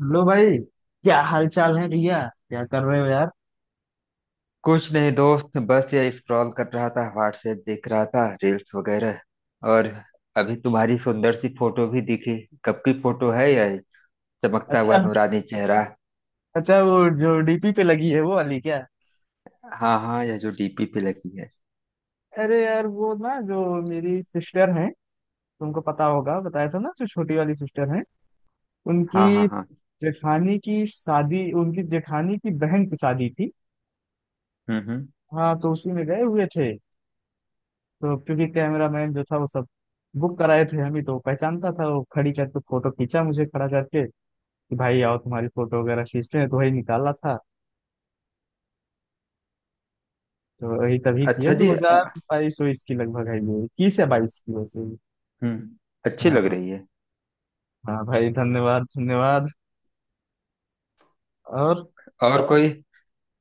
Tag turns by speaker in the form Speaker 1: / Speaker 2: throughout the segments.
Speaker 1: Hello भाई, क्या हाल चाल है भैया। क्या कर रहे हो यार।
Speaker 2: कुछ नहीं दोस्त, बस ये स्क्रॉल कर रहा था, व्हाट्सएप देख रहा था, रील्स वगैरह। और अभी तुम्हारी सुंदर सी फोटो भी दिखी। कब की फोटो है यह? चमकता हुआ
Speaker 1: अच्छा।
Speaker 2: नूरानी चेहरा।
Speaker 1: अच्छा, वो जो डीपी पे लगी है वो वाली क्या?
Speaker 2: हाँ हाँ, यह जो डीपी पे लगी है।
Speaker 1: अरे यार, वो ना जो मेरी सिस्टर है, तुमको पता होगा, बताया था ना, जो छोटी वाली सिस्टर है, उनकी
Speaker 2: हाँ हाँ हाँ।
Speaker 1: जेठानी की शादी, उनकी जेठानी की बहन की शादी थी।
Speaker 2: हम्म।
Speaker 1: हाँ, तो उसी में गए हुए थे। तो क्योंकि कैमरामैन जो था वो सब बुक कराए थे हम ही, तो वो पहचानता था, वो खड़ी करके फोटो खींचा, मुझे खड़ा करके कि भाई आओ तुम्हारी फोटो वगैरह खींचते हैं, तो वही निकाला था। तो वही तभी किए,
Speaker 2: अच्छा
Speaker 1: दो
Speaker 2: जी।
Speaker 1: हजार बाईस उईस की लगभग आई है, 21 या 22 की, वैसे ही।
Speaker 2: हम्म। अच्छी लग
Speaker 1: हाँ।
Speaker 2: रही है।
Speaker 1: हाँ भाई, धन्यवाद धन्यवाद। और
Speaker 2: और कोई?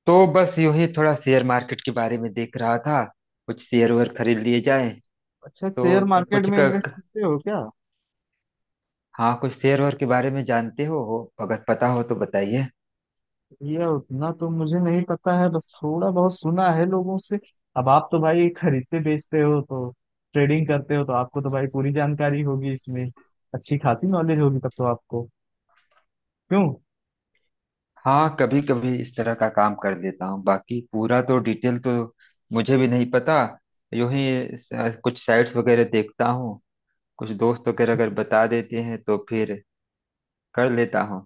Speaker 2: तो बस यूं ही थोड़ा शेयर मार्केट के बारे में देख रहा था। कुछ शेयर वेयर खरीद लिए जाए।
Speaker 1: अच्छा, शेयर
Speaker 2: तो
Speaker 1: मार्केट
Speaker 2: कुछ
Speaker 1: में इन्वेस्ट करते हो क्या?
Speaker 2: हाँ, कुछ शेयर वेयर के बारे में जानते हो, अगर पता हो तो बताइए।
Speaker 1: भैया, उतना तो मुझे नहीं पता है, बस थोड़ा बहुत सुना है लोगों से। अब आप तो भाई खरीदते बेचते हो, तो ट्रेडिंग करते हो, तो आपको तो भाई पूरी जानकारी होगी इसमें, अच्छी खासी नॉलेज होगी तब तो आपको। क्यों?
Speaker 2: हाँ, कभी कभी इस तरह का काम कर देता हूँ, बाकी पूरा तो डिटेल तो मुझे भी नहीं पता। यूं ही कुछ साइट्स वगैरह देखता हूँ। कुछ दोस्त वगैरह अगर बता देते हैं तो फिर कर लेता हूँ।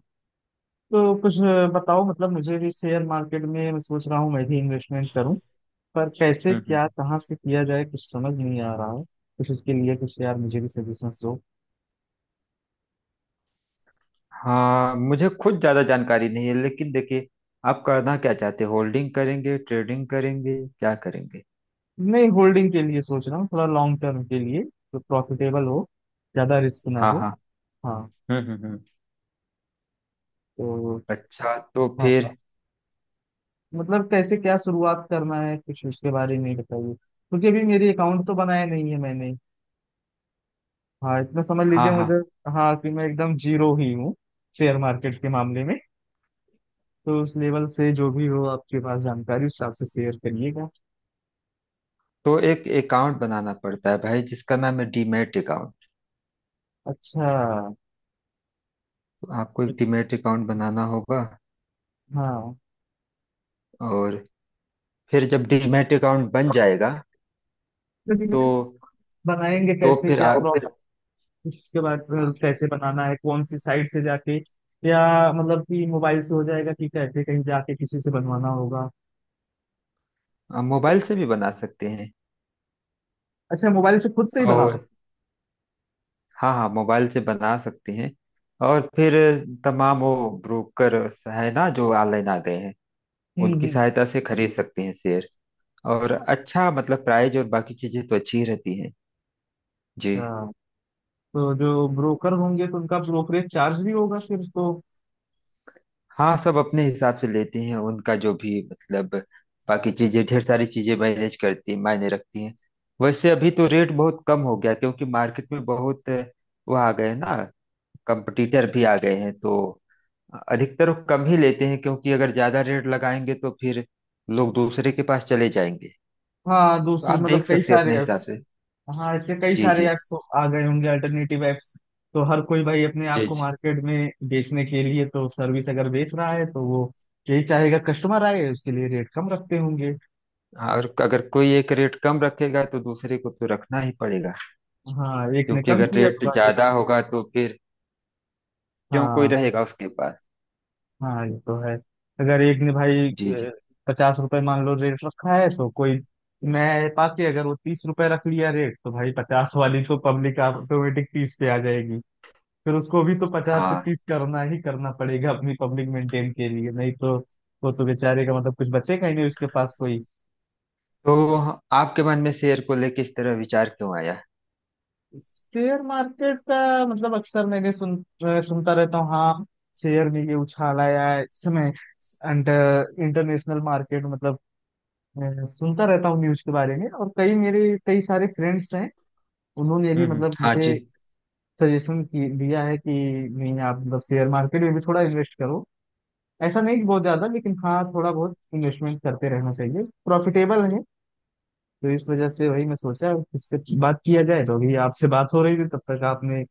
Speaker 1: तो कुछ बताओ, मतलब मुझे भी शेयर मार्केट में, मैं सोच रहा हूँ मैं भी इन्वेस्टमेंट करूँ, पर कैसे
Speaker 2: हम्म
Speaker 1: क्या,
Speaker 2: हम्म।
Speaker 1: कहाँ से किया जाए, कुछ समझ नहीं आ रहा है। कुछ उसके लिए कुछ यार मुझे भी सजेशंस दो।
Speaker 2: हाँ, मुझे खुद ज्यादा जानकारी नहीं है, लेकिन देखिए, आप करना क्या चाहते हैं? होल्डिंग करेंगे, ट्रेडिंग करेंगे, क्या करेंगे?
Speaker 1: नहीं, होल्डिंग के लिए सोच रहा हूँ, थोड़ा लॉन्ग टर्म के लिए जो प्रॉफिटेबल हो, ज्यादा रिस्क ना
Speaker 2: हाँ
Speaker 1: हो।
Speaker 2: हाँ।
Speaker 1: हाँ।
Speaker 2: हम्म हम्म हम्म।
Speaker 1: तो
Speaker 2: अच्छा तो
Speaker 1: हाँ हाँ।
Speaker 2: फिर।
Speaker 1: मतलब कैसे क्या शुरुआत करना है, कुछ उसके बारे में बताइए, क्योंकि अभी मेरी अकाउंट तो बनाया नहीं है मैंने। हाँ, इतना समझ
Speaker 2: हाँ
Speaker 1: लीजिए मुझे।
Speaker 2: हाँ।
Speaker 1: हाँ, कि मैं एकदम जीरो ही हूँ शेयर मार्केट के मामले में। तो उस लेवल से जो भी हो आपके पास जानकारी, उस हिसाब से शेयर करिएगा।
Speaker 2: तो एक अकाउंट बनाना पड़ता है भाई, जिसका नाम है डीमैट अकाउंट।
Speaker 1: अच्छा।
Speaker 2: आपको एक डीमैट अकाउंट बनाना होगा।
Speaker 1: हाँ,
Speaker 2: और फिर जब डीमैट अकाउंट बन जाएगा तो
Speaker 1: लेकिन बनाएंगे
Speaker 2: तो
Speaker 1: कैसे
Speaker 2: फिर
Speaker 1: क्या,
Speaker 2: आ,
Speaker 1: और फिर प्रोसेस उसके बाद
Speaker 2: आ,
Speaker 1: फिर कैसे बनाना है, कौन सी साइट से जाके, या मतलब कि मोबाइल से हो जाएगा कि कैसे, कहीं जाके किसी से बनवाना होगा?
Speaker 2: आ, मोबाइल से भी बना सकते हैं।
Speaker 1: अच्छा, मोबाइल से खुद से ही बना
Speaker 2: और
Speaker 1: सकते
Speaker 2: हाँ हाँ, मोबाइल से बना सकते हैं। और फिर तमाम वो ब्रोकर है ना, जो ऑनलाइन आ गए हैं,
Speaker 1: हैं।
Speaker 2: उनकी
Speaker 1: हम्म।
Speaker 2: सहायता से खरीद सकते हैं शेयर। और अच्छा मतलब प्राइस और बाकी चीजें तो अच्छी ही रहती हैं। जी
Speaker 1: अच्छा, तो जो ब्रोकर होंगे तो उनका ब्रोकरेज चार्ज भी होगा फिर तो।
Speaker 2: हाँ, सब अपने हिसाब से लेते हैं उनका, जो भी मतलब। बाकी चीजें, ढेर सारी चीजें मैनेज करती हैं, मायने रखती हैं। वैसे अभी तो रेट बहुत कम हो गया, क्योंकि मार्केट में बहुत वो आ गए हैं ना, कंपटीटर भी आ गए हैं, तो अधिकतर वो कम ही लेते हैं, क्योंकि अगर ज्यादा रेट लगाएंगे तो फिर लोग दूसरे के पास चले जाएंगे।
Speaker 1: हाँ
Speaker 2: तो
Speaker 1: दूसरे
Speaker 2: आप
Speaker 1: मतलब
Speaker 2: देख
Speaker 1: कई
Speaker 2: सकते हैं
Speaker 1: सारे
Speaker 2: अपने हिसाब
Speaker 1: ऐप्स,
Speaker 2: से।
Speaker 1: हाँ इसके कई
Speaker 2: जी
Speaker 1: सारे
Speaker 2: जी।
Speaker 1: ऐप्स आ गए होंगे, अल्टरनेटिव ऐप्स। तो हर कोई भाई अपने आप
Speaker 2: जी
Speaker 1: को
Speaker 2: जी।
Speaker 1: मार्केट में बेचने के लिए, तो सर्विस अगर बेच रहा है तो वो यही चाहेगा कस्टमर आए, उसके लिए रेट कम रखते होंगे।
Speaker 2: हाँ, और अगर कोई एक रेट कम रखेगा तो दूसरे को तो रखना ही पड़ेगा,
Speaker 1: हाँ एक ने
Speaker 2: क्योंकि
Speaker 1: कम
Speaker 2: अगर
Speaker 1: किया
Speaker 2: रेट
Speaker 1: तो भाई।
Speaker 2: ज्यादा होगा तो फिर क्यों कोई
Speaker 1: हाँ
Speaker 2: रहेगा उसके पास?
Speaker 1: हाँ, ये तो है। अगर एक ने भाई
Speaker 2: जी जी।
Speaker 1: 50 रुपए मान लो रेट रखा है, तो कोई मैं पाके अगर वो 30 रुपए रख लिया रेट, तो भाई 50 वाली तो पब्लिक ऑटोमेटिक 30 पे आ जाएगी। फिर उसको भी तो पचास से
Speaker 2: हाँ,
Speaker 1: 30 करना ही करना पड़ेगा, अपनी पब्लिक मेंटेन के लिए, नहीं तो वो तो बेचारे का मतलब कुछ बचेगा ही नहीं उसके पास कोई।
Speaker 2: तो आपके मन में शेर को लेके इस तरह विचार क्यों आया?
Speaker 1: शेयर मार्केट का मतलब अक्सर मैंने सुनता रहता हूँ, हाँ, शेयर में ये उछाल आया है इस समय, अंडर इंटरनेशनल मार्केट मतलब, सुनता रहता हूँ न्यूज के बारे में। और कई मेरे कई सारे फ्रेंड्स हैं, उन्होंने भी मतलब
Speaker 2: हाँ
Speaker 1: मुझे
Speaker 2: जी।
Speaker 1: सजेशन की दिया है कि नहीं आप मतलब शेयर मार्केट में भी थोड़ा इन्वेस्ट करो, ऐसा नहीं कि बहुत ज्यादा, लेकिन हाँ थोड़ा बहुत इन्वेस्टमेंट करते रहना चाहिए, प्रॉफिटेबल है। तो इस वजह से वही मैं सोचा इससे बात किया जाए, तो अभी आपसे बात हो रही थी तब तक आपने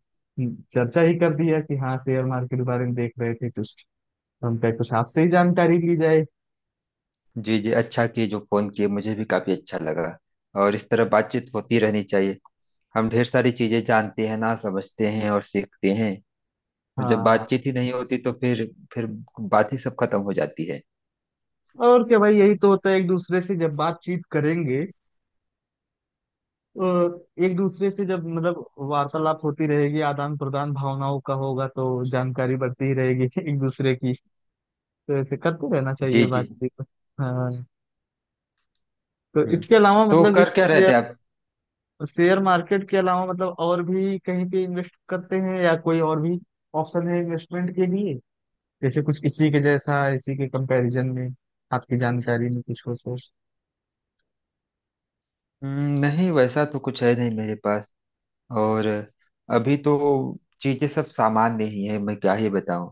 Speaker 1: चर्चा ही कर दिया कि हाँ शेयर मार्केट के बारे में देख रहे थे कुछ, तो हम कहे कुछ आपसे ही जानकारी ली जाए।
Speaker 2: जी जी, अच्छा किए जो फोन किए, मुझे भी काफी अच्छा लगा। और इस तरह बातचीत होती रहनी चाहिए। हम ढेर सारी चीजें जानते हैं ना, समझते हैं और सीखते हैं। और जब
Speaker 1: हाँ
Speaker 2: बातचीत ही नहीं होती तो फिर बात ही सब खत्म हो जाती है।
Speaker 1: और क्या भाई, यही तो होता है, एक दूसरे से जब बातचीत करेंगे, और एक दूसरे से जब मतलब वार्तालाप होती रहेगी, आदान प्रदान भावनाओं का होगा, तो जानकारी बढ़ती ही रहेगी एक दूसरे की। तो ऐसे करते रहना
Speaker 2: जी
Speaker 1: चाहिए
Speaker 2: जी।
Speaker 1: बातचीत। हाँ, तो
Speaker 2: हम्म।
Speaker 1: इसके अलावा
Speaker 2: तो
Speaker 1: मतलब
Speaker 2: कर
Speaker 1: जैसे
Speaker 2: क्या रहे
Speaker 1: शेयर,
Speaker 2: थे आप?
Speaker 1: शेयर मार्केट के अलावा मतलब और भी कहीं पे इन्वेस्ट करते हैं, या कोई और भी ऑप्शन है इन्वेस्टमेंट के लिए, जैसे कुछ इसी के जैसा, इसी के कंपैरिजन में आपकी जानकारी में कुछ हो तो।
Speaker 2: नहीं, वैसा तो कुछ है नहीं मेरे पास। और अभी तो चीजें सब सामान्य ही है, मैं क्या ही बताऊं।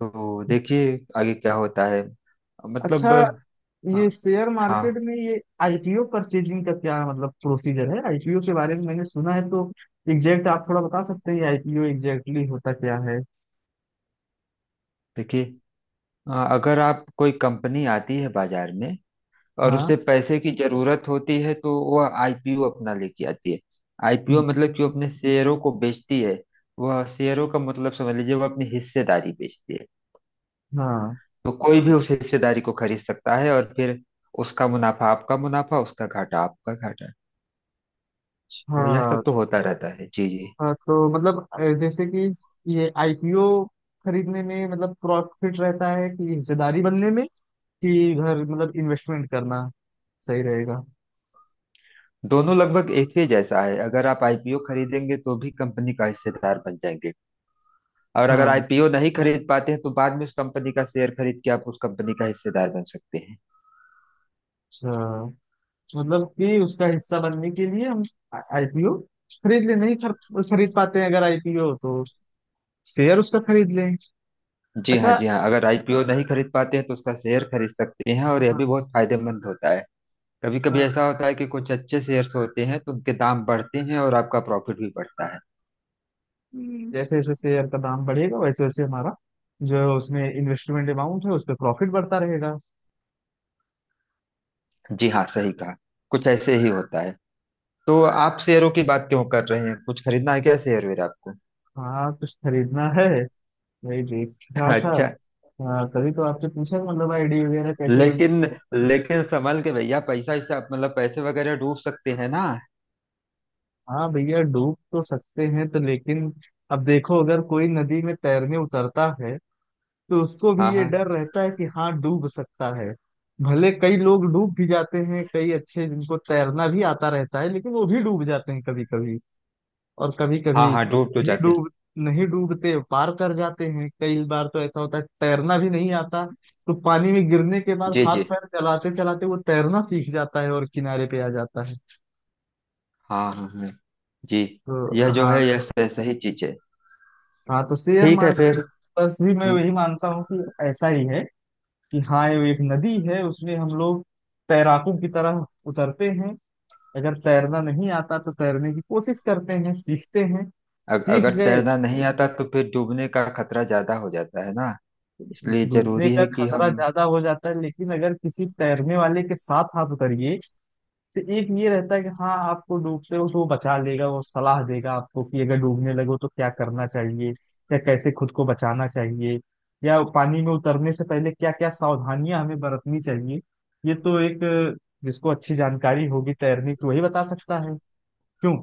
Speaker 2: तो देखिए आगे क्या होता है
Speaker 1: अच्छा,
Speaker 2: मतलब। अ,
Speaker 1: ये शेयर मार्केट
Speaker 2: हाँ
Speaker 1: में ये आईपीओ परचेजिंग का क्या मतलब प्रोसीजर है, आईपीओ के बारे में मैंने सुना है तो एग्जैक्ट आप थोड़ा बता सकते हैं आईपीओ एग्जैक्टली होता क्या है?
Speaker 2: देखिए, अगर आप, कोई कंपनी आती है बाजार में और
Speaker 1: हाँ।
Speaker 2: उसे पैसे की जरूरत होती है, तो वह आईपीओ अपना लेके आती है। आईपीओ
Speaker 1: हम्म।
Speaker 2: मतलब कि वो अपने शेयरों को बेचती है। वह शेयरों का मतलब समझ लीजिए, वह अपनी हिस्सेदारी बेचती है।
Speaker 1: हाँ।
Speaker 2: तो कोई भी उस हिस्सेदारी को खरीद सकता है और फिर उसका मुनाफा आपका मुनाफा, उसका घाटा आपका घाटा। तो यह सब
Speaker 1: अच्छा।
Speaker 2: तो होता रहता है। जी जी।
Speaker 1: हाँ तो मतलब जैसे कि ये आईपीओ खरीदने में मतलब प्रॉफिट रहता है कि हिस्सेदारी बनने में, कि घर मतलब इन्वेस्टमेंट करना सही रहेगा?
Speaker 2: दोनों लगभग एक ही जैसा है। अगर आप आईपीओ खरीदेंगे तो भी कंपनी का हिस्सेदार बन जाएंगे, और अगर
Speaker 1: हाँ।
Speaker 2: आईपीओ नहीं खरीद पाते हैं तो बाद में उस कंपनी का शेयर खरीद के आप उस कंपनी का हिस्सेदार बन सकते हैं।
Speaker 1: अच्छा, मतलब कि उसका हिस्सा बनने के लिए हम आईपीओ खरीद ले नहीं खरीद पाते हैं अगर आईपीओ, तो शेयर उसका खरीद लें।
Speaker 2: जी हाँ
Speaker 1: अच्छा।
Speaker 2: जी हाँ, अगर आईपीओ नहीं खरीद पाते हैं तो उसका शेयर खरीद सकते हैं, और यह
Speaker 1: हाँ।
Speaker 2: भी बहुत फायदेमंद होता है। कभी कभी
Speaker 1: हाँ,
Speaker 2: ऐसा होता है कि कुछ अच्छे शेयर्स होते हैं तो उनके दाम बढ़ते हैं, और आपका प्रॉफिट भी बढ़ता है।
Speaker 1: जैसे जैसे शेयर का दाम बढ़ेगा वैसे वैसे हमारा जो उसमें इन्वेस्टमेंट अमाउंट है उस पर प्रॉफिट बढ़ता रहेगा।
Speaker 2: जी हाँ, सही कहा। कुछ ऐसे ही होता है। तो आप शेयरों की बात क्यों कर रहे हैं? कुछ खरीदना है क्या शेयर वेयर आपको?
Speaker 1: हाँ कुछ खरीदना है, वही देख रहा था।
Speaker 2: अच्छा।
Speaker 1: हाँ तभी तो आपसे पूछा, मतलब आईडी वगैरह कैसे बन।
Speaker 2: लेकिन लेकिन संभल के भैया, पैसा ऐसा, मतलब पैसे वगैरह डूब सकते हैं ना।
Speaker 1: हाँ भैया डूब तो सकते हैं तो, लेकिन अब देखो अगर कोई नदी में तैरने उतरता है, तो उसको भी
Speaker 2: हाँ
Speaker 1: ये
Speaker 2: हाँ।
Speaker 1: डर रहता है कि हाँ डूब सकता है। भले कई लोग डूब भी जाते हैं, कई अच्छे जिनको तैरना भी आता रहता है लेकिन वो भी डूब जाते हैं कभी कभी, और कभी
Speaker 2: हाँ
Speaker 1: कभी
Speaker 2: हाँ, डूब तो
Speaker 1: भी
Speaker 2: जाते
Speaker 1: डूब नहीं डूबते पार कर जाते हैं। कई बार तो ऐसा होता है तैरना भी नहीं आता, तो पानी में गिरने के
Speaker 2: हैं।
Speaker 1: बाद
Speaker 2: जी
Speaker 1: हाथ
Speaker 2: जी।
Speaker 1: पैर चलाते चलाते वो तैरना सीख जाता है और किनारे पे आ जाता है।
Speaker 2: हाँ हाँ हाँ जी। यह
Speaker 1: तो
Speaker 2: जो
Speaker 1: हाँ।
Speaker 2: है, यह सही चीज है।
Speaker 1: हाँ तो शेयर
Speaker 2: ठीक है
Speaker 1: मार्केट
Speaker 2: फिर।
Speaker 1: बस भी मैं
Speaker 2: हम्म,
Speaker 1: वही मानता हूँ कि ऐसा ही है, कि हाँ ये एक नदी है, उसमें हम लोग तैराकों की तरह उतरते हैं, अगर तैरना नहीं आता तो तैरने की कोशिश करते हैं, सीखते हैं, सीख
Speaker 2: अगर
Speaker 1: गए।
Speaker 2: तैरना नहीं आता तो फिर डूबने का खतरा ज्यादा हो जाता है ना। इसलिए
Speaker 1: डूबने
Speaker 2: जरूरी
Speaker 1: का
Speaker 2: है कि
Speaker 1: खतरा
Speaker 2: हम।
Speaker 1: ज्यादा हो जाता है, लेकिन अगर किसी तैरने वाले के साथ आप उतरिए, तो एक ये रहता है कि हाँ आपको डूबते हो तो वो बचा लेगा, वो सलाह देगा आपको कि अगर डूबने लगो तो क्या करना चाहिए या कैसे खुद को बचाना चाहिए, या पानी में उतरने से पहले क्या क्या सावधानियां हमें बरतनी चाहिए। ये तो एक जिसको अच्छी जानकारी होगी तैरने की वही बता सकता है। क्यों?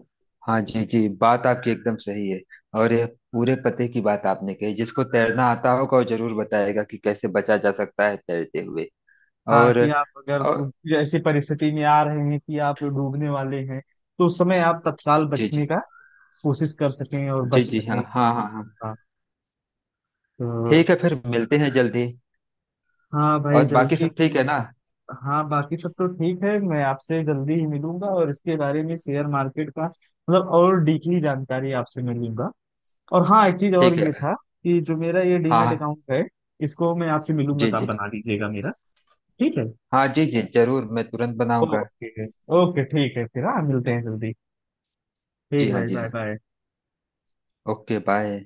Speaker 2: हाँ जी जी, बात आपकी एकदम सही है। और यह पूरे पते की बात आपने कही, जिसको तैरना आता होगा वो जरूर बताएगा कि कैसे बचा जा सकता है तैरते हुए।
Speaker 1: हाँ,
Speaker 2: और
Speaker 1: कि आप अगर
Speaker 2: और।
Speaker 1: ऐसी परिस्थिति में आ रहे हैं कि आप डूबने वाले हैं, तो उस समय आप तत्काल
Speaker 2: जी
Speaker 1: बचने
Speaker 2: जी
Speaker 1: का कोशिश कर सकें और बच
Speaker 2: जी जी।
Speaker 1: सकें।
Speaker 2: हाँ हाँ हाँ हाँ।
Speaker 1: हाँ। तो
Speaker 2: ठीक है फिर, मिलते हैं जल्दी।
Speaker 1: हाँ भाई
Speaker 2: और बाकी
Speaker 1: जल्दी।
Speaker 2: सब ठीक है ना?
Speaker 1: हाँ बाकी सब तो ठीक है, मैं आपसे जल्दी ही मिलूंगा और इसके बारे में शेयर मार्केट का मतलब और डीपली जानकारी आपसे मिलूंगा। और हाँ एक चीज और
Speaker 2: ठीक
Speaker 1: ये था
Speaker 2: है।
Speaker 1: कि जो मेरा ये
Speaker 2: हाँ
Speaker 1: डीमेट
Speaker 2: हाँ।
Speaker 1: अकाउंट है, इसको मैं आपसे मिलूंगा
Speaker 2: जी
Speaker 1: तो आप
Speaker 2: जी
Speaker 1: बना दीजिएगा मेरा। ठीक है।
Speaker 2: हाँ, जी जी जरूर, मैं तुरंत बनाऊंगा।
Speaker 1: ओके। ओके ठीक है फिर, हाँ मिलते हैं जल्दी।
Speaker 2: जी
Speaker 1: ठीक
Speaker 2: हाँ
Speaker 1: भाई,
Speaker 2: जी
Speaker 1: बाय
Speaker 2: हाँ।
Speaker 1: बाय।
Speaker 2: Okay bye.